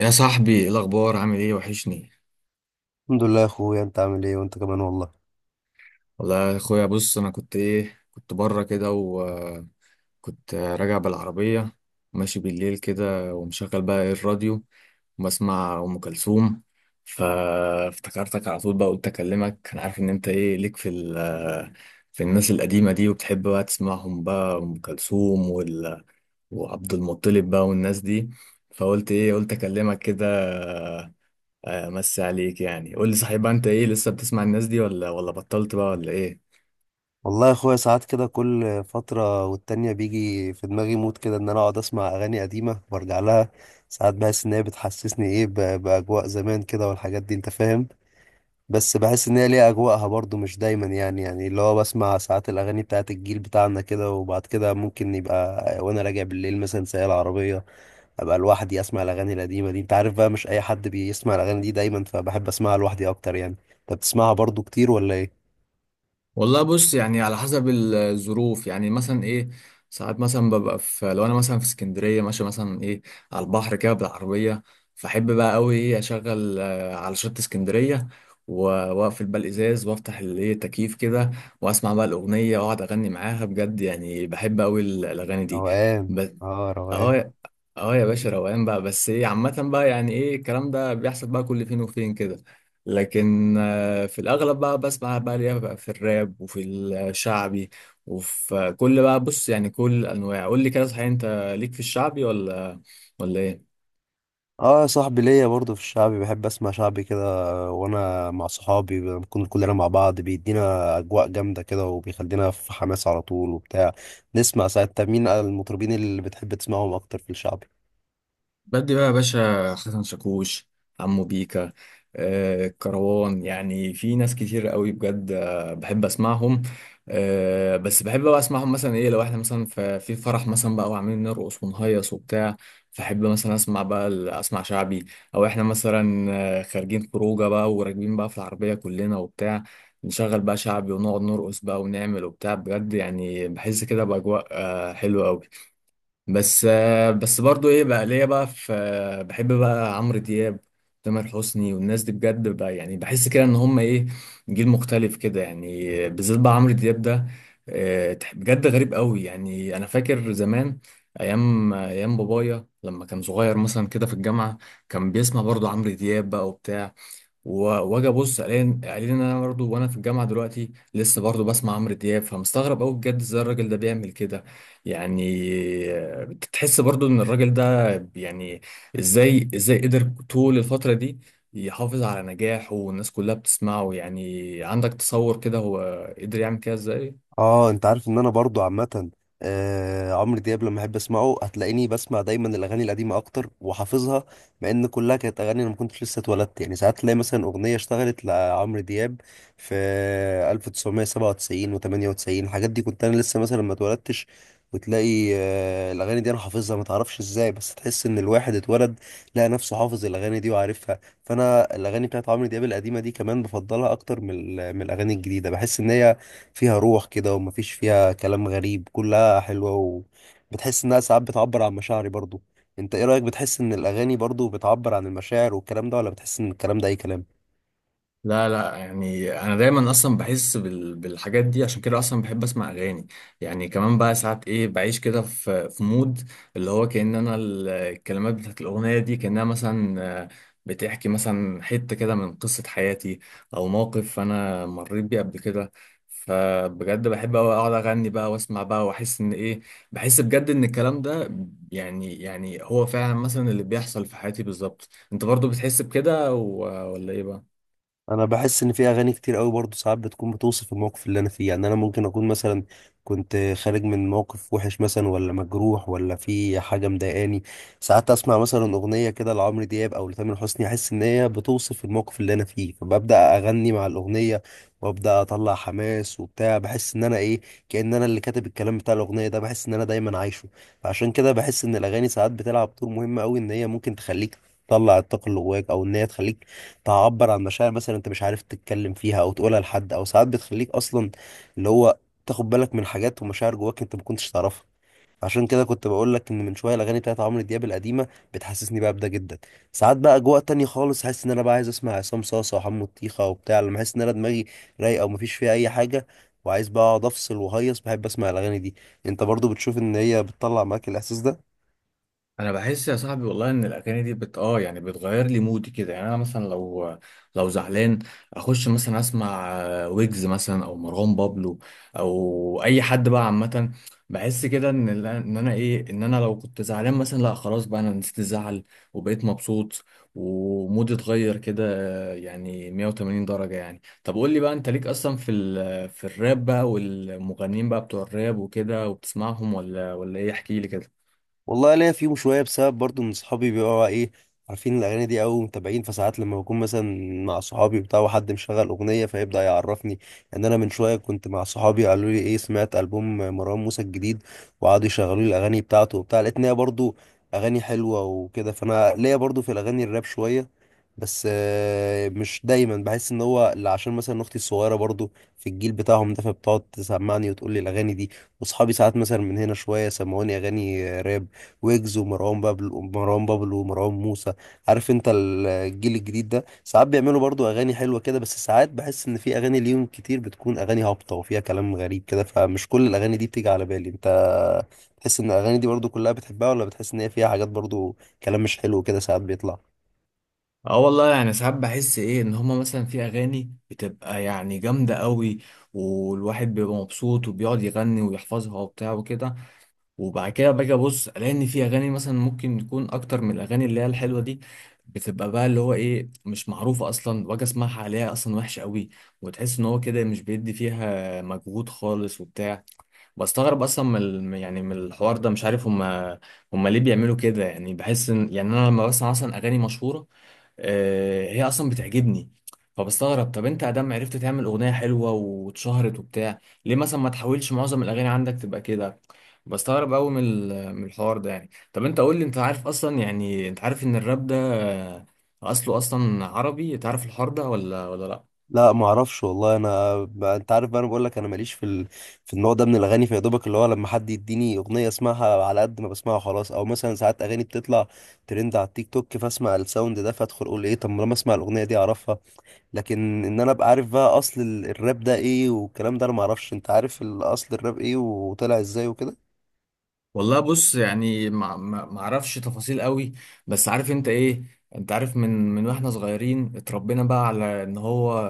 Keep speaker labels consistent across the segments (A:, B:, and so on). A: يا صاحبي، ايه الاخبار؟ عامل ايه؟ وحشني.
B: الحمد لله يا اخويا، انت عامل ايه وانت كمان. والله،
A: والله يا اخويا، بص، انا كنت كنت بره كده وكنت راجع بالعربيه ماشي بالليل كده ومشغل بقى الراديو وبسمع ام كلثوم. فافتكرتك على طول بقى. قلت اكلمك، انا عارف ان انت ليك في الناس القديمه دي، وبتحب بقى تسمعهم بقى، ام كلثوم وعبد المطلب بقى والناس دي. فقلت قلت اكلمك كده. مسي عليك. يعني قول لي، صحيح بقى انت لسه بتسمع الناس دي، ولا بطلت بقى، ولا ايه؟
B: والله يا اخويا، ساعات كده كل فترة والتانية بيجي في دماغي مود كده ان انا اقعد اسمع اغاني قديمة وارجع لها. ساعات بحس ان هي بتحسسني ايه باجواء زمان كده والحاجات دي انت فاهم. بس بحس ان هي ليها اجواءها برضو، مش دايما يعني اللي هو بسمع ساعات الاغاني بتاعت الجيل بتاعنا كده، وبعد كده ممكن يبقى وانا راجع بالليل مثلا سايق العربية ابقى لوحدي اسمع الاغاني القديمة دي. انت عارف بقى مش اي حد بيسمع الاغاني دي دايما، فبحب اسمعها لوحدي اكتر. يعني انت بتسمعها برضو كتير ولا ايه؟
A: والله بص، يعني على حسب الظروف. يعني مثلا ساعات مثلا ببقى في، لو انا مثلا في اسكندريه ماشي مثلا على البحر كده بالعربيه، فاحب بقى قوي اشغل، على شط اسكندريه، و- واقفل بقى الازاز وافتح التكييف كده، واسمع بقى الاغنيه، واقعد اغني معاها. بجد يعني بحب قوي الاغاني دي.
B: روقان.
A: بس
B: اه روقان.
A: اه. اه يا باشا، روقان بقى. بس عامة بقى، يعني الكلام ده بيحصل بقى كل فين وفين كده. لكن في الأغلب بقى بسمع بقى ليها بقى في الراب، وفي الشعبي، وفي كل بقى. بص، يعني كل الأنواع. قول لي كده، صحيح أنت ليك في الشعبي، ولا ايه؟
B: اه صاحبي، ليا برضه في الشعبي، بحب اسمع شعبي كده. وانا مع صحابي بنكون كلنا مع بعض بيدينا اجواء جامده كده، وبيخلينا في حماس على طول وبتاع. نسمع ساعات. طب مين المطربين اللي بتحب تسمعهم اكتر في الشعب؟
A: بدي بقى يا باشا، حسن شاكوش، عمو بيكا، كروان. يعني في ناس كتير قوي، بجد بحب اسمعهم. بس بحب بقى اسمعهم مثلا لو احنا مثلا في فرح مثلا بقى، وعاملين نرقص ونهيص وبتاع، فحب مثلا اسمع بقى، اسمع شعبي. او احنا مثلا خارجين خروجه بقى وراكبين بقى في العربيه كلنا وبتاع، نشغل بقى شعبي ونقعد نرقص بقى ونعمل وبتاع. بجد يعني بحس كده باجواء حلوه قوي. بس برضو بقى ليا بقى في، بحب بقى عمرو دياب، تامر حسني والناس دي. بجد بقى يعني بحس كده ان هم جيل مختلف كده. يعني بالذات بقى عمرو دياب ده، بجد غريب قوي. يعني انا فاكر زمان، ايام بابايا لما كان صغير مثلا كده في الجامعة، كان بيسمع برضو عمرو دياب بقى وبتاع، واجي ابص، قايلين ان انا برضه وانا في الجامعه دلوقتي لسه برضه بسمع عمرو دياب. فمستغرب قوي بجد ازاي الراجل ده بيعمل كده يعني. بتحس برضه ان الراجل ده، يعني ازاي قدر طول الفتره دي يحافظ على نجاحه، والناس كلها بتسمعه. يعني عندك تصور كده هو قدر يعمل كده ازاي؟
B: اه انت عارف ان انا برضو عامه، عمرو دياب لما احب اسمعه هتلاقيني بسمع دايما الاغاني القديمه اكتر وحافظها، مع ان كلها كانت اغاني انا ما كنتش لسه اتولدت. يعني ساعات تلاقي مثلا اغنيه اشتغلت لعمرو دياب في 1997 و98، الحاجات دي كنت انا لسه مثلا ما اتولدتش. وتلاقي الاغاني دي انا حافظها ما تعرفش ازاي، بس تحس ان الواحد اتولد لقى نفسه حافظ الاغاني دي وعارفها. فانا الاغاني بتاعت عمرو دياب القديمه دي كمان بفضلها اكتر من الاغاني الجديده. بحس ان هي فيها روح كده، ومفيش فيها كلام غريب، كلها حلوة. وبتحس إنها ساعات بتعبر عن مشاعري برضو. أنت إيه رأيك، بتحس إن الأغاني برضو بتعبر عن المشاعر والكلام ده، ولا بتحس إن الكلام ده أي كلام؟
A: لا لا، يعني انا دايما اصلا بحس بالحاجات دي. عشان كده اصلا بحب اسمع اغاني. يعني كمان بقى ساعات بعيش كده في مود اللي هو كأن انا، الكلمات بتاعت الاغنيه دي كأنها مثلا بتحكي مثلا حته كده من قصه حياتي، او موقف انا مريت بيه قبل كده. فبجد بحب أوي اقعد اغني بقى واسمع بقى واحس ان بحس بجد ان الكلام ده يعني، هو فعلا مثلا اللي بيحصل في حياتي بالظبط. انت برضو بتحس بكده، ولا ايه بقى؟
B: انا بحس ان في اغاني كتير قوي برضه ساعات بتكون بتوصف الموقف اللي انا فيه. يعني انا ممكن اكون مثلا كنت خارج من موقف وحش مثلا، ولا مجروح، ولا في حاجه مضايقاني، ساعات اسمع مثلا اغنيه كده لعمرو دياب او لتامر حسني، احس ان هي بتوصف الموقف اللي انا فيه، فببدا اغني مع الاغنيه وابدا اطلع حماس وبتاع. بحس ان انا ايه، كأن انا اللي كاتب الكلام بتاع الاغنيه ده، بحس ان انا دايما عايشه. فعشان كده بحس ان الاغاني ساعات بتلعب دور مهم قوي، ان هي ممكن تخليك تطلع الطاقه اللي جواك، او ان هي تخليك تعبر عن مشاعر مثلا انت مش عارف تتكلم فيها او تقولها لحد، او ساعات بتخليك اصلا اللي هو تاخد بالك من حاجات ومشاعر جواك انت ما كنتش تعرفها. عشان كده كنت بقول لك ان من شويه الاغاني بتاعت عمرو دياب القديمه بتحسسني بقى بده جدا. ساعات بقى اجواء تانية خالص، حاسس ان انا بقى عايز اسمع عصام صاصا وحمو طيخه وبتاع، لما احس ان انا دماغي رايقه ومفيش فيها اي حاجه، وعايز بقى اقعد افصل وهيص، بحب اسمع الاغاني دي. انت برضو بتشوف ان هي بتطلع معاك الاحساس ده؟
A: انا بحس يا صاحبي، والله ان الاغاني دي بت اه يعني بتغير لي مودي كده. يعني انا مثلا لو زعلان، اخش مثلا اسمع ويجز مثلا او مروان بابلو او اي حد بقى عامه، بحس كده ان ال- ان انا ايه ان انا لو كنت زعلان مثلا، لا خلاص بقى انا نسيت الزعل وبقيت مبسوط ومودي اتغير كده، يعني 180 درجه. يعني طب قول لي بقى، انت ليك اصلا في الراب بقى، والمغنيين بقى بتوع الراب وكده، وبتسمعهم ولا ايه؟ احكي لي كده.
B: والله ليا فيهم شويه، بسبب برضو ان صحابي بيبقوا ايه عارفين الاغاني دي او متابعين. فساعات لما بكون مثلا مع صحابي بتاع وحد مشغل اغنيه فيبدا يعرفني. ان انا من شويه كنت مع صحابي قالوا لي ايه، سمعت البوم مروان موسى الجديد؟ وقعدوا يشغلوا لي الاغاني بتاعته وبتاع، لقيت ان هي برضو اغاني حلوه وكده. فانا ليا برضو في الاغاني الراب شويه، بس مش دايما. بحس ان هو اللي عشان مثلا اختي الصغيره برضو في الجيل بتاعهم ده، فبتقعد تسمعني وتقول لي الاغاني دي، واصحابي ساعات مثلا من هنا شويه سمعوني اغاني راب، ويجز ومروان بابلو ومروان موسى. عارف انت الجيل الجديد ده ساعات بيعملوا برضو اغاني حلوه كده، بس ساعات بحس ان في اغاني ليهم كتير بتكون اغاني هابطه وفيها كلام غريب كده، فمش كل الاغاني دي بتيجي على بالي. انت تحس ان الاغاني دي برضو كلها بتحبها، ولا بتحس ان هي فيها حاجات برضو كلام مش حلو كده ساعات بيطلع؟
A: اه والله يعني ساعات بحس ان هما مثلا في اغاني بتبقى يعني جامده قوي، والواحد بيبقى مبسوط وبيقعد يغني ويحفظها وبتاع وكده. وبعد كده باجي ابص الاقي ان في اغاني مثلا ممكن تكون اكتر من الاغاني اللي هي الحلوه دي، بتبقى بقى اللي هو مش معروفه اصلا، واجي اسمعها، عليها اصلا وحشه قوي، وتحس ان هو كده مش بيدي فيها مجهود خالص وبتاع. بستغرب اصلا من يعني من الحوار ده. مش عارف هما، ليه بيعملوا كده؟ يعني بحس ان، يعني انا لما بسمع اصلا اغاني مشهوره، هي اصلا بتعجبني. فبستغرب، طب انت ادم عرفت تعمل اغنيه حلوه واتشهرت وبتاع، ليه مثلا ما تحاولش معظم الاغاني عندك تبقى كده؟ بستغرب قوي من من الحوار ده. يعني طب انت قول لي، انت عارف اصلا، يعني انت عارف ان الراب ده اصله اصلا عربي؟ تعرف الحوار ده، ولا لا؟
B: لا ما اعرفش والله. انا انت عارف بقى، انا بقول لك انا ماليش في النوع ده من الاغاني. فيا دوبك اللي هو لما حد يديني اغنيه اسمعها على قد ما بسمعها خلاص، او مثلا ساعات اغاني بتطلع ترند على التيك توك فاسمع الساوند ده، فادخل اقول ايه، طب ما لما اسمع الاغنيه دي اعرفها. لكن ان انا ابقى عارف بقى اصل الراب ده ايه والكلام ده، انا ما اعرفش. انت عارف الاصل الراب ايه وطلع ازاي وكده؟
A: والله بص، يعني ما اعرفش تفاصيل قوي. بس عارف انت ايه، انت عارف، من واحنا صغيرين اتربينا بقى على ان هو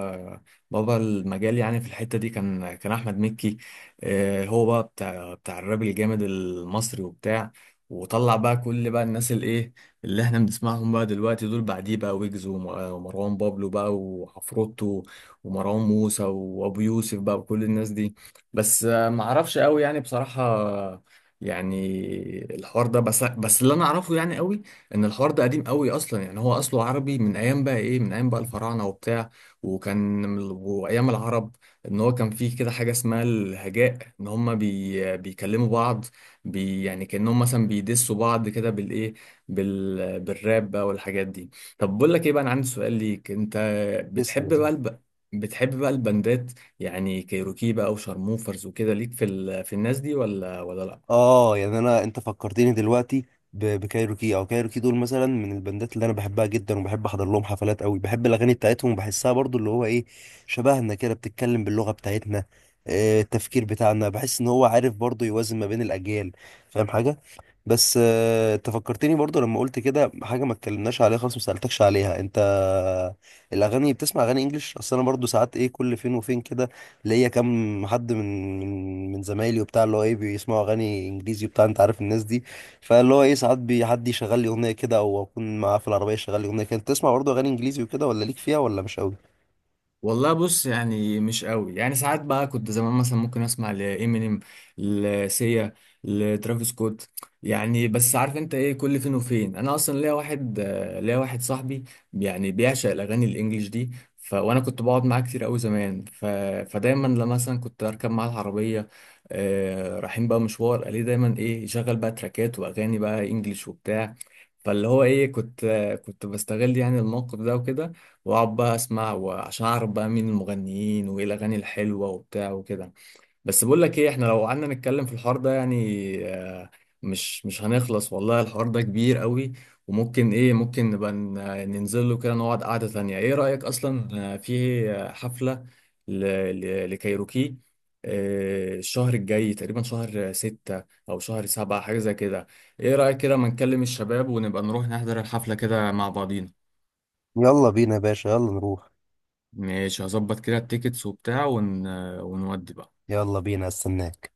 A: بابا المجال يعني في الحتة دي، كان احمد مكي. اه، هو بقى بتاع الراب الجامد المصري وبتاع. وطلع بقى كل بقى الناس اللي احنا بنسمعهم بقى دلوقتي، دول بعديه بقى، ويجز ومروان بابلو بقى، وعفروتو، ومروان موسى، وابو يوسف بقى، وكل الناس دي. بس ما اعرفش قوي يعني، بصراحة يعني. الحوار ده بس اللي انا اعرفه يعني قوي ان الحوار ده قديم قوي اصلا. يعني هو اصله عربي من ايام بقى من ايام بقى الفراعنه وبتاع، وكان من وايام العرب، ان هو كان فيه كده حاجه اسمها الهجاء، ان هم بيكلموا بعض، يعني كانهم مثلا بيدسوا بعض كده بالراب بقى والحاجات دي. طب بقول لك ايه بقى، انا عندي سؤال ليك انت.
B: لسه.
A: بتحب بقى الب... بتحب بقى البندات، يعني كايروكي بقى، وشارموفرز وكده، ليك في الناس دي، ولا لا؟
B: اه يعني انا انت فكرتني دلوقتي بكايروكي، او كايروكي دول مثلا من البندات اللي انا بحبها جدا، وبحب احضر لهم حفلات قوي. بحب الاغاني بتاعتهم وبحسها برضو اللي هو ايه، شبهنا كده، بتتكلم باللغه بتاعتنا، التفكير بتاعنا، بحس ان هو عارف برضو يوازن ما بين الاجيال، فاهم حاجه. بس انت فكرتني برضو لما قلت كده حاجه ما اتكلمناش عليها خالص، ما سالتكش عليها انت الاغاني، بتسمع اغاني انجليش؟ اصل انا برضو ساعات ايه كل فين وفين كده، ليا كام حد من زمايلي وبتاع اللي هو ايه بيسمعوا اغاني انجليزي وبتاع، انت عارف الناس دي. فاللي هو ايه ساعات حد يشغل لي اغنيه كده، او اكون معاه في العربيه يشغل لي اغنيه كده. انت تسمع برضو اغاني انجليزي وكده، ولا ليك فيها ولا مش قوي؟
A: والله بص، يعني مش قوي. يعني ساعات بقى كنت زمان مثلا ممكن اسمع لامينيم، لسيا، لترافيس سكوت. يعني بس عارف انت ايه، كل فين وفين انا اصلا ليا واحد، صاحبي يعني بيعشق الاغاني الانجليش دي. وانا كنت بقعد معاه كتير قوي زمان. فدايما لما مثلا كنت اركب معاه العربيه رايحين بقى مشوار، قال لي دايما يشغل بقى تراكات واغاني بقى انجليش وبتاع. فاللي هو ايه كنت آه، كنت بستغل يعني الموقف ده وكده، واقعد بقى اسمع، وعشان اعرف بقى مين المغنيين وايه الاغاني الحلوه وبتاع وكده. بس بقول لك ايه، احنا لو قعدنا نتكلم في الحوار ده يعني آه، مش هنخلص والله. الحوار ده كبير قوي، وممكن ممكن نبقى ننزل له كده، نقعد قعده ثانيه. ايه رايك اصلا في حفله ل- لكايروكي الشهر الجاي، تقريبا شهر ستة أو شهر سبعة، حاجة زي كده؟ إيه رأيك كده ما نكلم الشباب ونبقى نروح نحضر الحفلة كده مع بعضينا.
B: يلا بينا يا باشا، يلا نروح.
A: ماشي، هظبط كده التيكتس وبتاع ونودي بقى.
B: يلا بينا استناك.